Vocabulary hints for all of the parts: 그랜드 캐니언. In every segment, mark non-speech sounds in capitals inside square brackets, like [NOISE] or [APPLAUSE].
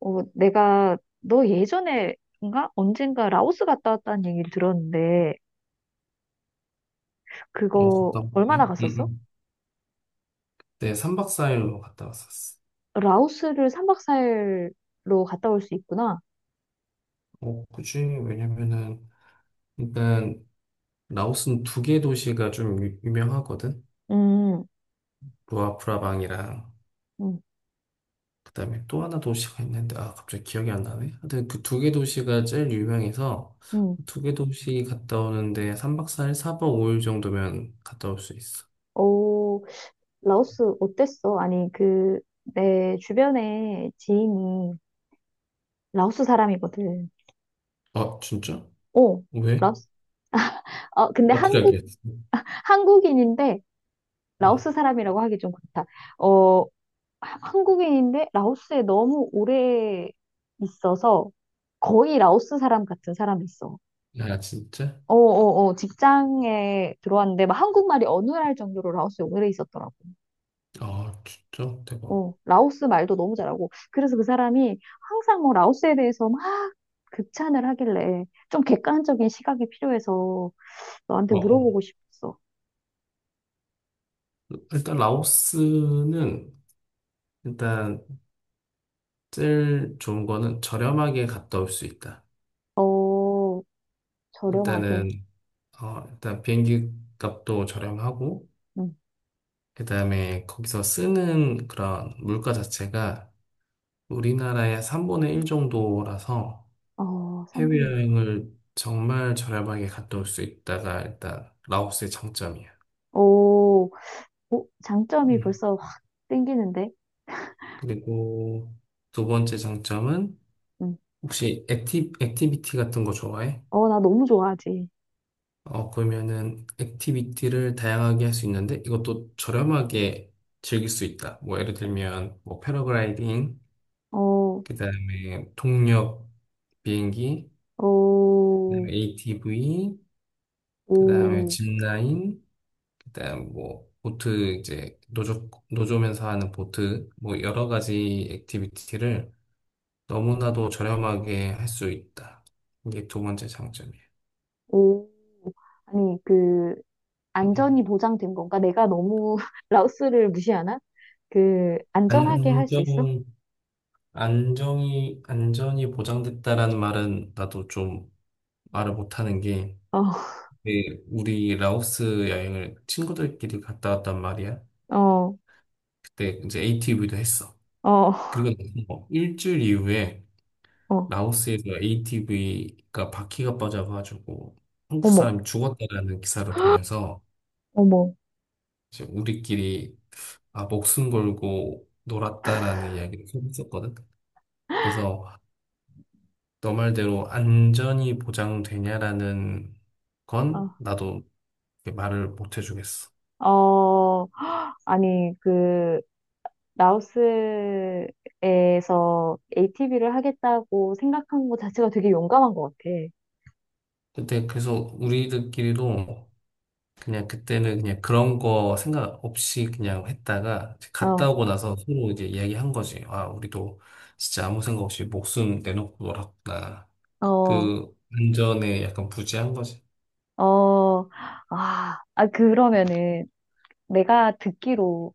어, 내가 너 예전에인가 언젠가 라오스 갔다 왔다는 얘기를 들었는데 어, 그거 갔다 얼마나 왔지? 응, 갔었어? 응. 네, 3박 4일로 갔다 왔었어. 라오스를 삼박사일로 갔다 올 수 있구나. 어, 굳이, 왜냐면은, 일단, 라오스는 두 개 도시가 좀 유명하거든? 음, 루아프라방이랑, 음, 그 다음에 또 하나 도시가 있는데, 아, 갑자기 기억이 안 나네? 하여튼 그 두 개 도시가 제일 유명해서, 음. 두 개 도시 갔다 오는데, 3박 4일, 4박 5일 정도면 갔다 올 수 있어. 어, 라오스 어땠어? 아니 그 내 주변에 지인이 라오스 사람이거든. 아, 진짜? 어, 왜? 라오스. 어, 근데 어떻게 한국 알겠어? 한국인인데 어. 라오스 사람이라고 하기 좀 그렇다. 어, 한국인인데 라오스에 너무 오래 있어서 거의 라오스 사람 같은 사람이 있어. 야, 진짜? 어, 어, 어, 직장에 들어왔는데 막 한국말이 어느 날 정도로 라오스에 오래 있었더라고. 아, 진짜? 대박. 어, 라오스 말도 너무 잘하고. 그래서 그 사람이 항상 뭐 라오스에 대해서 막 극찬을 하길래 좀 객관적인 시각이 필요해서 너한테 어, 어. 물어보고 싶었어. 일단 라오스는 일단 제일 좋은 거는 저렴하게 갔다 올 수 있다. 어, 일단은 저렴하게. 어, 일단 비행기 값도 저렴하고 응. 그다음에 거기서 쓰는 그런 물가 자체가 우리나라의 3분의 1 정도라서 어, 3분의. 해외여행을 정말 저렴하게 갔다 올 수 있다가 일단 라오스의 장점이야. 오, 오, 장점이 음. 벌써 확 땡기는데. 그리고 두 번째 장점은 응. 혹시 액티비티 같은 거 좋아해? 어, 나 너무 좋아하지. 어, 그러면은 액티비티를 다양하게 할 수 있는데 이것도 저렴하게 즐길 수 있다. 뭐 예를 들면 뭐 패러글라이딩, 어, 그다음에 동력 비행기, 어, 그다음에 ATV, 그다음에 오. 짚라인, 그다음 뭐 보트 이제 노조 노조면서 하는 보트 뭐 여러 가지 액티비티를 너무나도 저렴하게 할 수 있다. 이게 두 번째 장점이에요. 오, 아니, 그, 음, 음. 안전이 보장된 건가? 내가 너무 [LAUGHS] 라오스를 무시하나? 그, 안전하게 음, 할 수 있어? 안정 안전이 보장됐다라는 말은 나도 좀 말을 못하는 게, 어, 그 우리 라오스 여행을 친구들끼리 갔다 왔단 말이야. 어, 그때 이제 ATV도 했어. 어, 그리고 나서 뭐 일주일 이후에 어, 라오스에서 ATV가 바퀴가 빠져가지고 한국 어머, 사람이 죽었다라는 기사를 보면서 어머, 이제 우리끼리 아, 목숨 걸고 놀았다라는 이야기를 했었거든. 그래서 너 말대로 안전이 보장되냐라는 건 어, 나도 이렇게 말을 못 해주겠어. 어, 아니, 그, 라오스에서 ATV를 하겠다고 생각한 것 자체가 되게 용감한 것 같아. 그때 그래서 우리들끼리도 그냥 그때는 그냥 그런 거 생각 없이 그냥 했다가 이제 갔다 어, 오고 나서 서로 이제 이야기한 거지. 아, 우리도 진짜 아무 생각 없이 목숨 내놓고 놀았구나. 어, 그 안전에 약간 부재한 거지. 어, 아, 아, 그러면은 내가 듣기로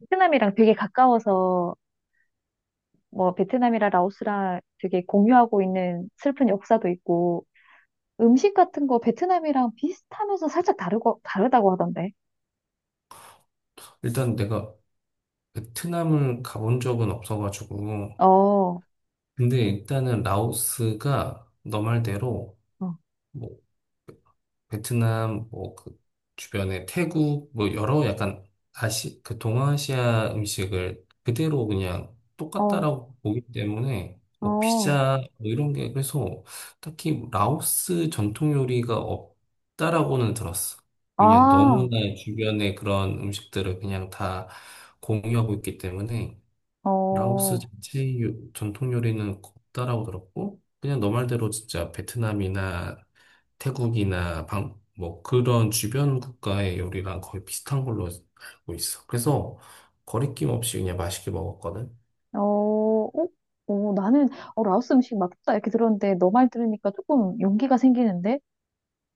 베트남이랑 되게 가까워서 뭐 베트남이랑 라오스랑 되게 공유하고 있는 슬픈 역사도 있고 음식 같은 거 베트남이랑 비슷하면서 살짝 다르고 다르다고 하던데. 일단 내가 베트남을 가본 적은 없어가지고, 어, 어, 근데 일단은 라오스가 너 말대로 뭐 베트남, 뭐, 그 주변에 태국, 뭐, 여러 약간 아시, 그 동아시아 음식을 그대로 그냥 어, 똑같다라고 보기 때문에, 뭐, 어, 피자, 뭐, 이런 게, 그래서 딱히 라오스 전통 요리가 없다라고는 들었어. 왜냐면 아, 너무나 주변에 그런 음식들을 그냥 다 공유하고 있기 때문에, 어, 라오스 어, 자체 전통 요리는 없다라고 들었고, 그냥 너 말대로 진짜 베트남이나 태국이나 방, 뭐 그런 주변 국가의 요리랑 거의 비슷한 걸로 알고 있어. 그래서 거리낌 없이 그냥 맛있게 먹었거든. 어, 어, 나는 어, 라오스 음식 맛있다 이렇게 들었는데 너 말 들으니까 조금 용기가 생기는데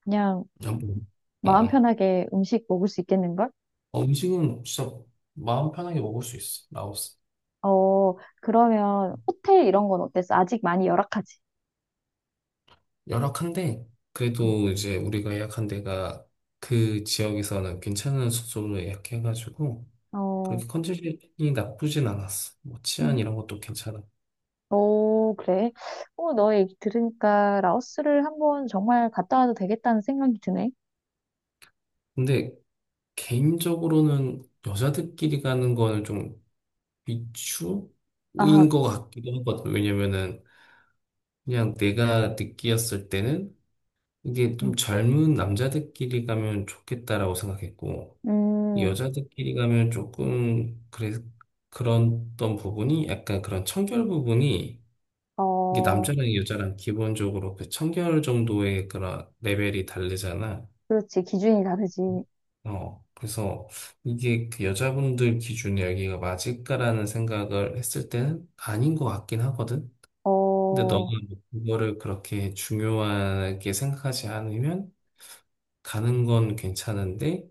그냥 음. 어, 마음 어. 편하게 음식 먹을 수 있겠는걸? 어, 음식은 진짜 마음 편하게 먹을 수 있어. 라오스. 어, 그러면 호텔 이런 건 어땠어? 아직 많이 열악하지? 열악한데 응. 그래도 이제 우리가 예약한 데가 그 지역에서는 괜찮은 숙소로 예약해가지고 어, 그렇게 컨디션이 나쁘진 않았어. 뭐 치안 음. 이런 것도 괜찮아. 오, 그래. 어, 너 얘기 들으니까 라오스를 한번 정말 갔다 와도 되겠다는 생각이 드네. 근데 개인적으로는 여자들끼리 가는 거는 좀 아, 비추인 것 같기도 하거든. 왜냐면은 그냥 내가 느끼었을 때는 이게 음, 좀 젊은 남자들끼리 가면 좋겠다라고 생각했고 음, 여자들끼리 가면 조금 그랬던 부분이 약간 그런 청결 부분이 이게 어, 남자랑 여자랑 기본적으로 그 청결 정도의 그런 레벨이 다르잖아. 그렇지. 기준이 다르지. 어, 그래서 이게 그 여자분들 기준에 여기가 맞을까라는 생각을 했을 때는 아닌 것 같긴 하거든. 어, 근데 너가 어, 그거를 그렇게 중요하게 생각하지 않으면 가는 건 괜찮은데.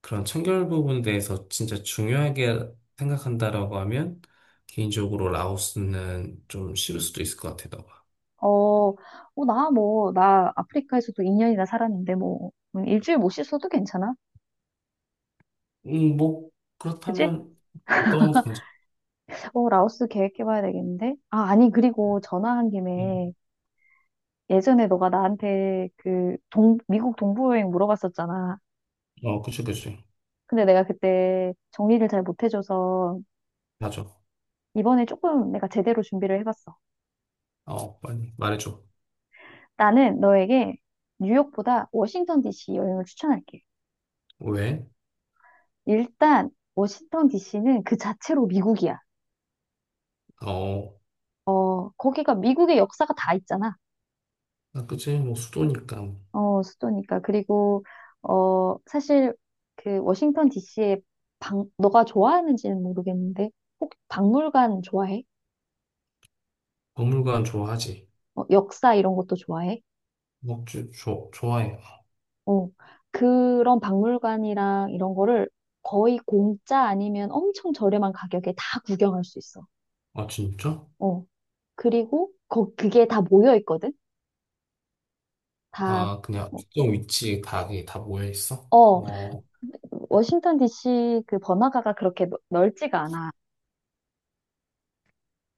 그런 청결 부분에 대해서 진짜 중요하게 생각한다라고 하면 개인적으로 라오스는 좀 싫을 수도 있을 것 같아, 너가. 어, 나 뭐, 나 아프리카에서도 2년이나 살았는데 뭐, 일주일 못 씻어도 괜찮아. 뭐 그치? 그렇다면 너무 괜찮. 어, 라오스 계획해봐야 되겠는데? 아, 아니, 그리고 전화한 김에 음. 예전에 너가 나한테 미국 동부 여행 물어봤었잖아. 어, 그치, 그치. 근데 내가 그때 정리를 잘 못해줘서 맞아. 이번에 조금 내가 제대로 준비를 해봤어. 어, 빨리 말해줘. 나는 너에게 뉴욕보다 워싱턴 DC 여행을 추천할게. 왜? 일단 워싱턴 DC는 그 자체로 미국이야. 어, 어, 거기가 미국의 역사가 다 있잖아. 나 그치? 뭐 수도니까 어, 수도니까. 그리고 어, 사실 그 워싱턴 DC의 방, 너가 좋아하는지는 모르겠는데 혹 박물관 좋아해? 박물관 좋아하지. 어, 역사 이런 것도 좋아해? 먹주 좋 좋아해. 어, 그런 박물관이랑 이런 거를 거의 공짜 아니면 엄청 저렴한 가격에 다 구경할 수 있어. 아, 진짜? 어, 그리고 거, 그게 다 모여 있거든? 다, 아, 그냥 뭐, 특정 위치에 다, 그게 다 모여 있어? 어, 어. 워싱턴 DC 그 번화가가 그렇게 넓지가 않아.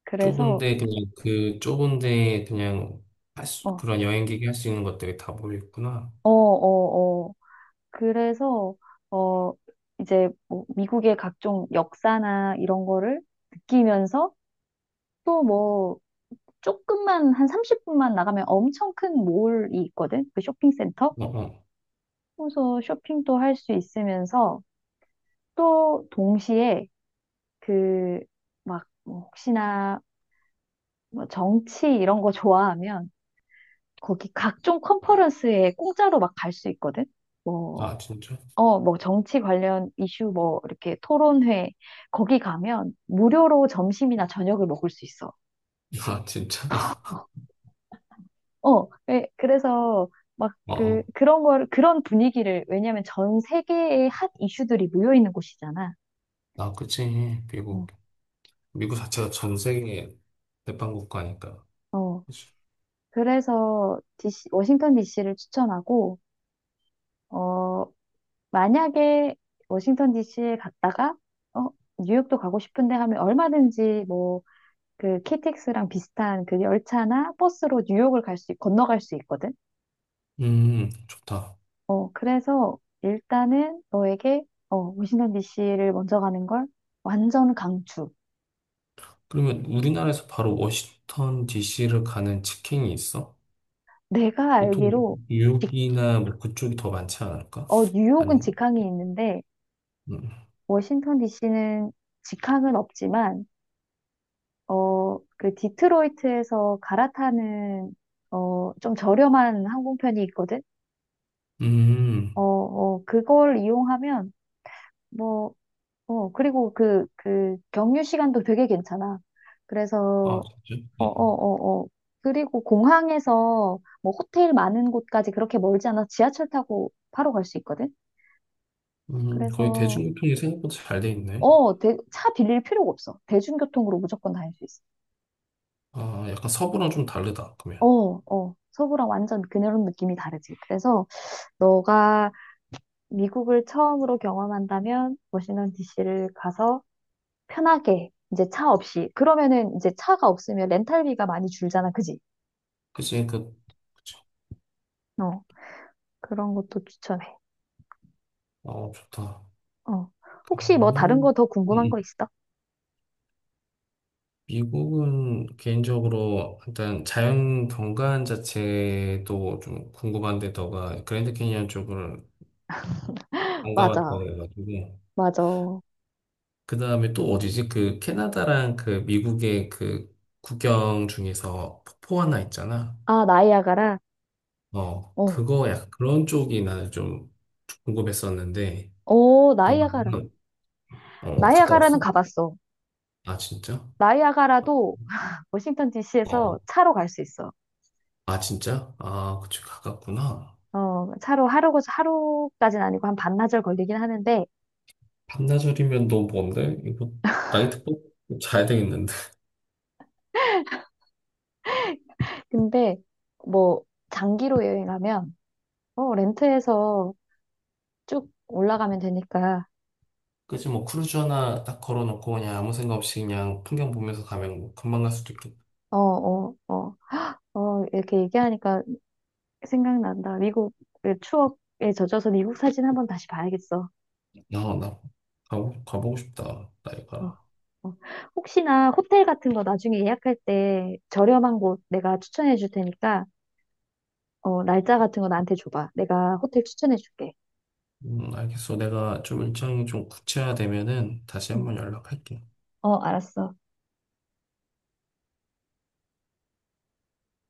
그래서, 좁은데 그냥 그 좁은데 그냥 할 수, 어, 그런 여행객이 할 수 있는 것들이 다 모여 있구나. 어, 어, 어. 그래서, 어, 이제 뭐 미국의 각종 역사나 이런 거를 느끼면서 또 뭐, 조금만, 한 30분만 나가면 엄청 큰 몰이 있거든? 그 쇼핑센터? 어, 어. 그래서 쇼핑도 할 수 있으면서 또 동시에 그, 막, 뭐 혹시나 뭐 정치 이런 거 좋아하면 거기 각종 컨퍼런스에 공짜로 막 갈 수 있거든. 뭐, 아, 진짜? 어, 뭐 정치 관련 이슈 뭐 이렇게 토론회 거기 가면 무료로 점심이나 저녁을 먹을 수 있어. [LAUGHS] 아, 진짜? [LAUGHS] 어, 예, 그래서 막 어, 그, 어. 그런 걸, 그런 분위기를, 왜냐면 전 세계의 핫 이슈들이 모여 있는 곳이잖아. 아, 그치. 어, 미국. 미국 자체가 전 세계 대빵 국가니까. 어, 그치. 그래서 디씨, 워싱턴 DC를 추천하고, 어, 만약에 워싱턴 DC에 갔다가 어, 뉴욕도 가고 싶은데 하면 얼마든지 뭐 그 KTX랑 비슷한 그 열차나 버스로 뉴욕을 갈 수, 건너갈 수 있거든. 좋다. 어, 그래서 일단은 너에게 어, 워싱턴 DC를 먼저 가는 걸 완전 강추. 그러면 우리나라에서 바로 워싱턴 DC를 가는 직행이 있어? 내가 보통 알기로 직- 뉴욕이나 뭐 그쪽이 더 많지 않을까? 어, 뉴욕은 아닌가? 직항이 있는데 음. 워싱턴 DC는 직항은 없지만 어, 그 디트로이트에서 갈아타는 어, 좀 저렴한 항공편이 있거든. 어, 음. 어, 그걸 이용하면 뭐, 어, 그리고 그, 그 경유 시간도 되게 괜찮아. 아, 그래서 진짜? 어, 어, 네. 어, 어. 그리고 공항에서 뭐 호텔 많은 곳까지 그렇게 멀지 않아 지하철 타고 바로 갈 수 있거든. 거의 그래서 대중교통이 생각보다 잘 돼 있네. 어, 차 빌릴 필요가 없어. 대중교통으로 무조건 다닐 수 있어. 아, 약간 서부랑 좀 다르다, 그러면. 어, 어. 서부랑 완전 그런 느낌이 다르지. 그래서 너가 미국을 처음으로 경험한다면 워싱턴 DC를 가서 편하게 이제 차 없이 그러면은 이제 차가 없으면 렌탈비가 많이 줄잖아, 그지? 그치, 그치. 어, 그런 것도 추천해. 어, 좋다. 어, 혹시 뭐 다른 그러면은, 거 더 음, 궁금한 음. 거 있어? 미국은 개인적으로 일단 자연 경관 자체도 좀 궁금한데, 너가 그랜드 캐니언 쪽을 안 가봤다 맞아, 해가지고. 맞아. 그 다음에 또 어디지? 그 캐나다랑 그 미국의 그 국경 중에서 폭포 하나 있잖아. 아, 나이아가라. 어, 어, 그거 약간 그런 쪽이 나는 좀 궁금했었는데, 어, 너 나이아가라. 만남, 어, 갔다 나이아가라는 왔어? 가봤어. 아, 진짜? 나이아가라도 워싱턴 DC에서 어, 차로 갈 수 있어. 아, 진짜? 아, 그치, 가깝구나. 어, 차로 하루, 하루까지는 아니고 한 반나절 걸리긴 하는데, 반나절이면 너무 먼데? 이거, 나이트 c l 자야 되겠는데. 근데 뭐 장기로 여행하면 어, 렌트해서 쭉 올라가면 되니까. [LAUGHS] 그치, 뭐, 크루즈 하나 딱 걸어놓고, 그냥 아무 생각 없이 그냥 풍경 보면서 가면 뭐 금방 갈 수도 있겠다. 어, 어, 어, 어, 이렇게 얘기하니까 생각난다. 미국의 추억에 젖어서 미국 사진 한번 다시 봐야겠어. 야, 나, 가보고 싶다, 어, 나이가. 어. 혹시나 호텔 같은 거 나중에 예약할 때 저렴한 곳 내가 추천해 줄 테니까, 어, 날짜 같은 거 나한테 줘봐. 내가 호텔 추천해 줄게. 알겠어. 내가 좀 일정이 좀 구체화되면은 다시 응. 한번 연락할게. 어, 알았어.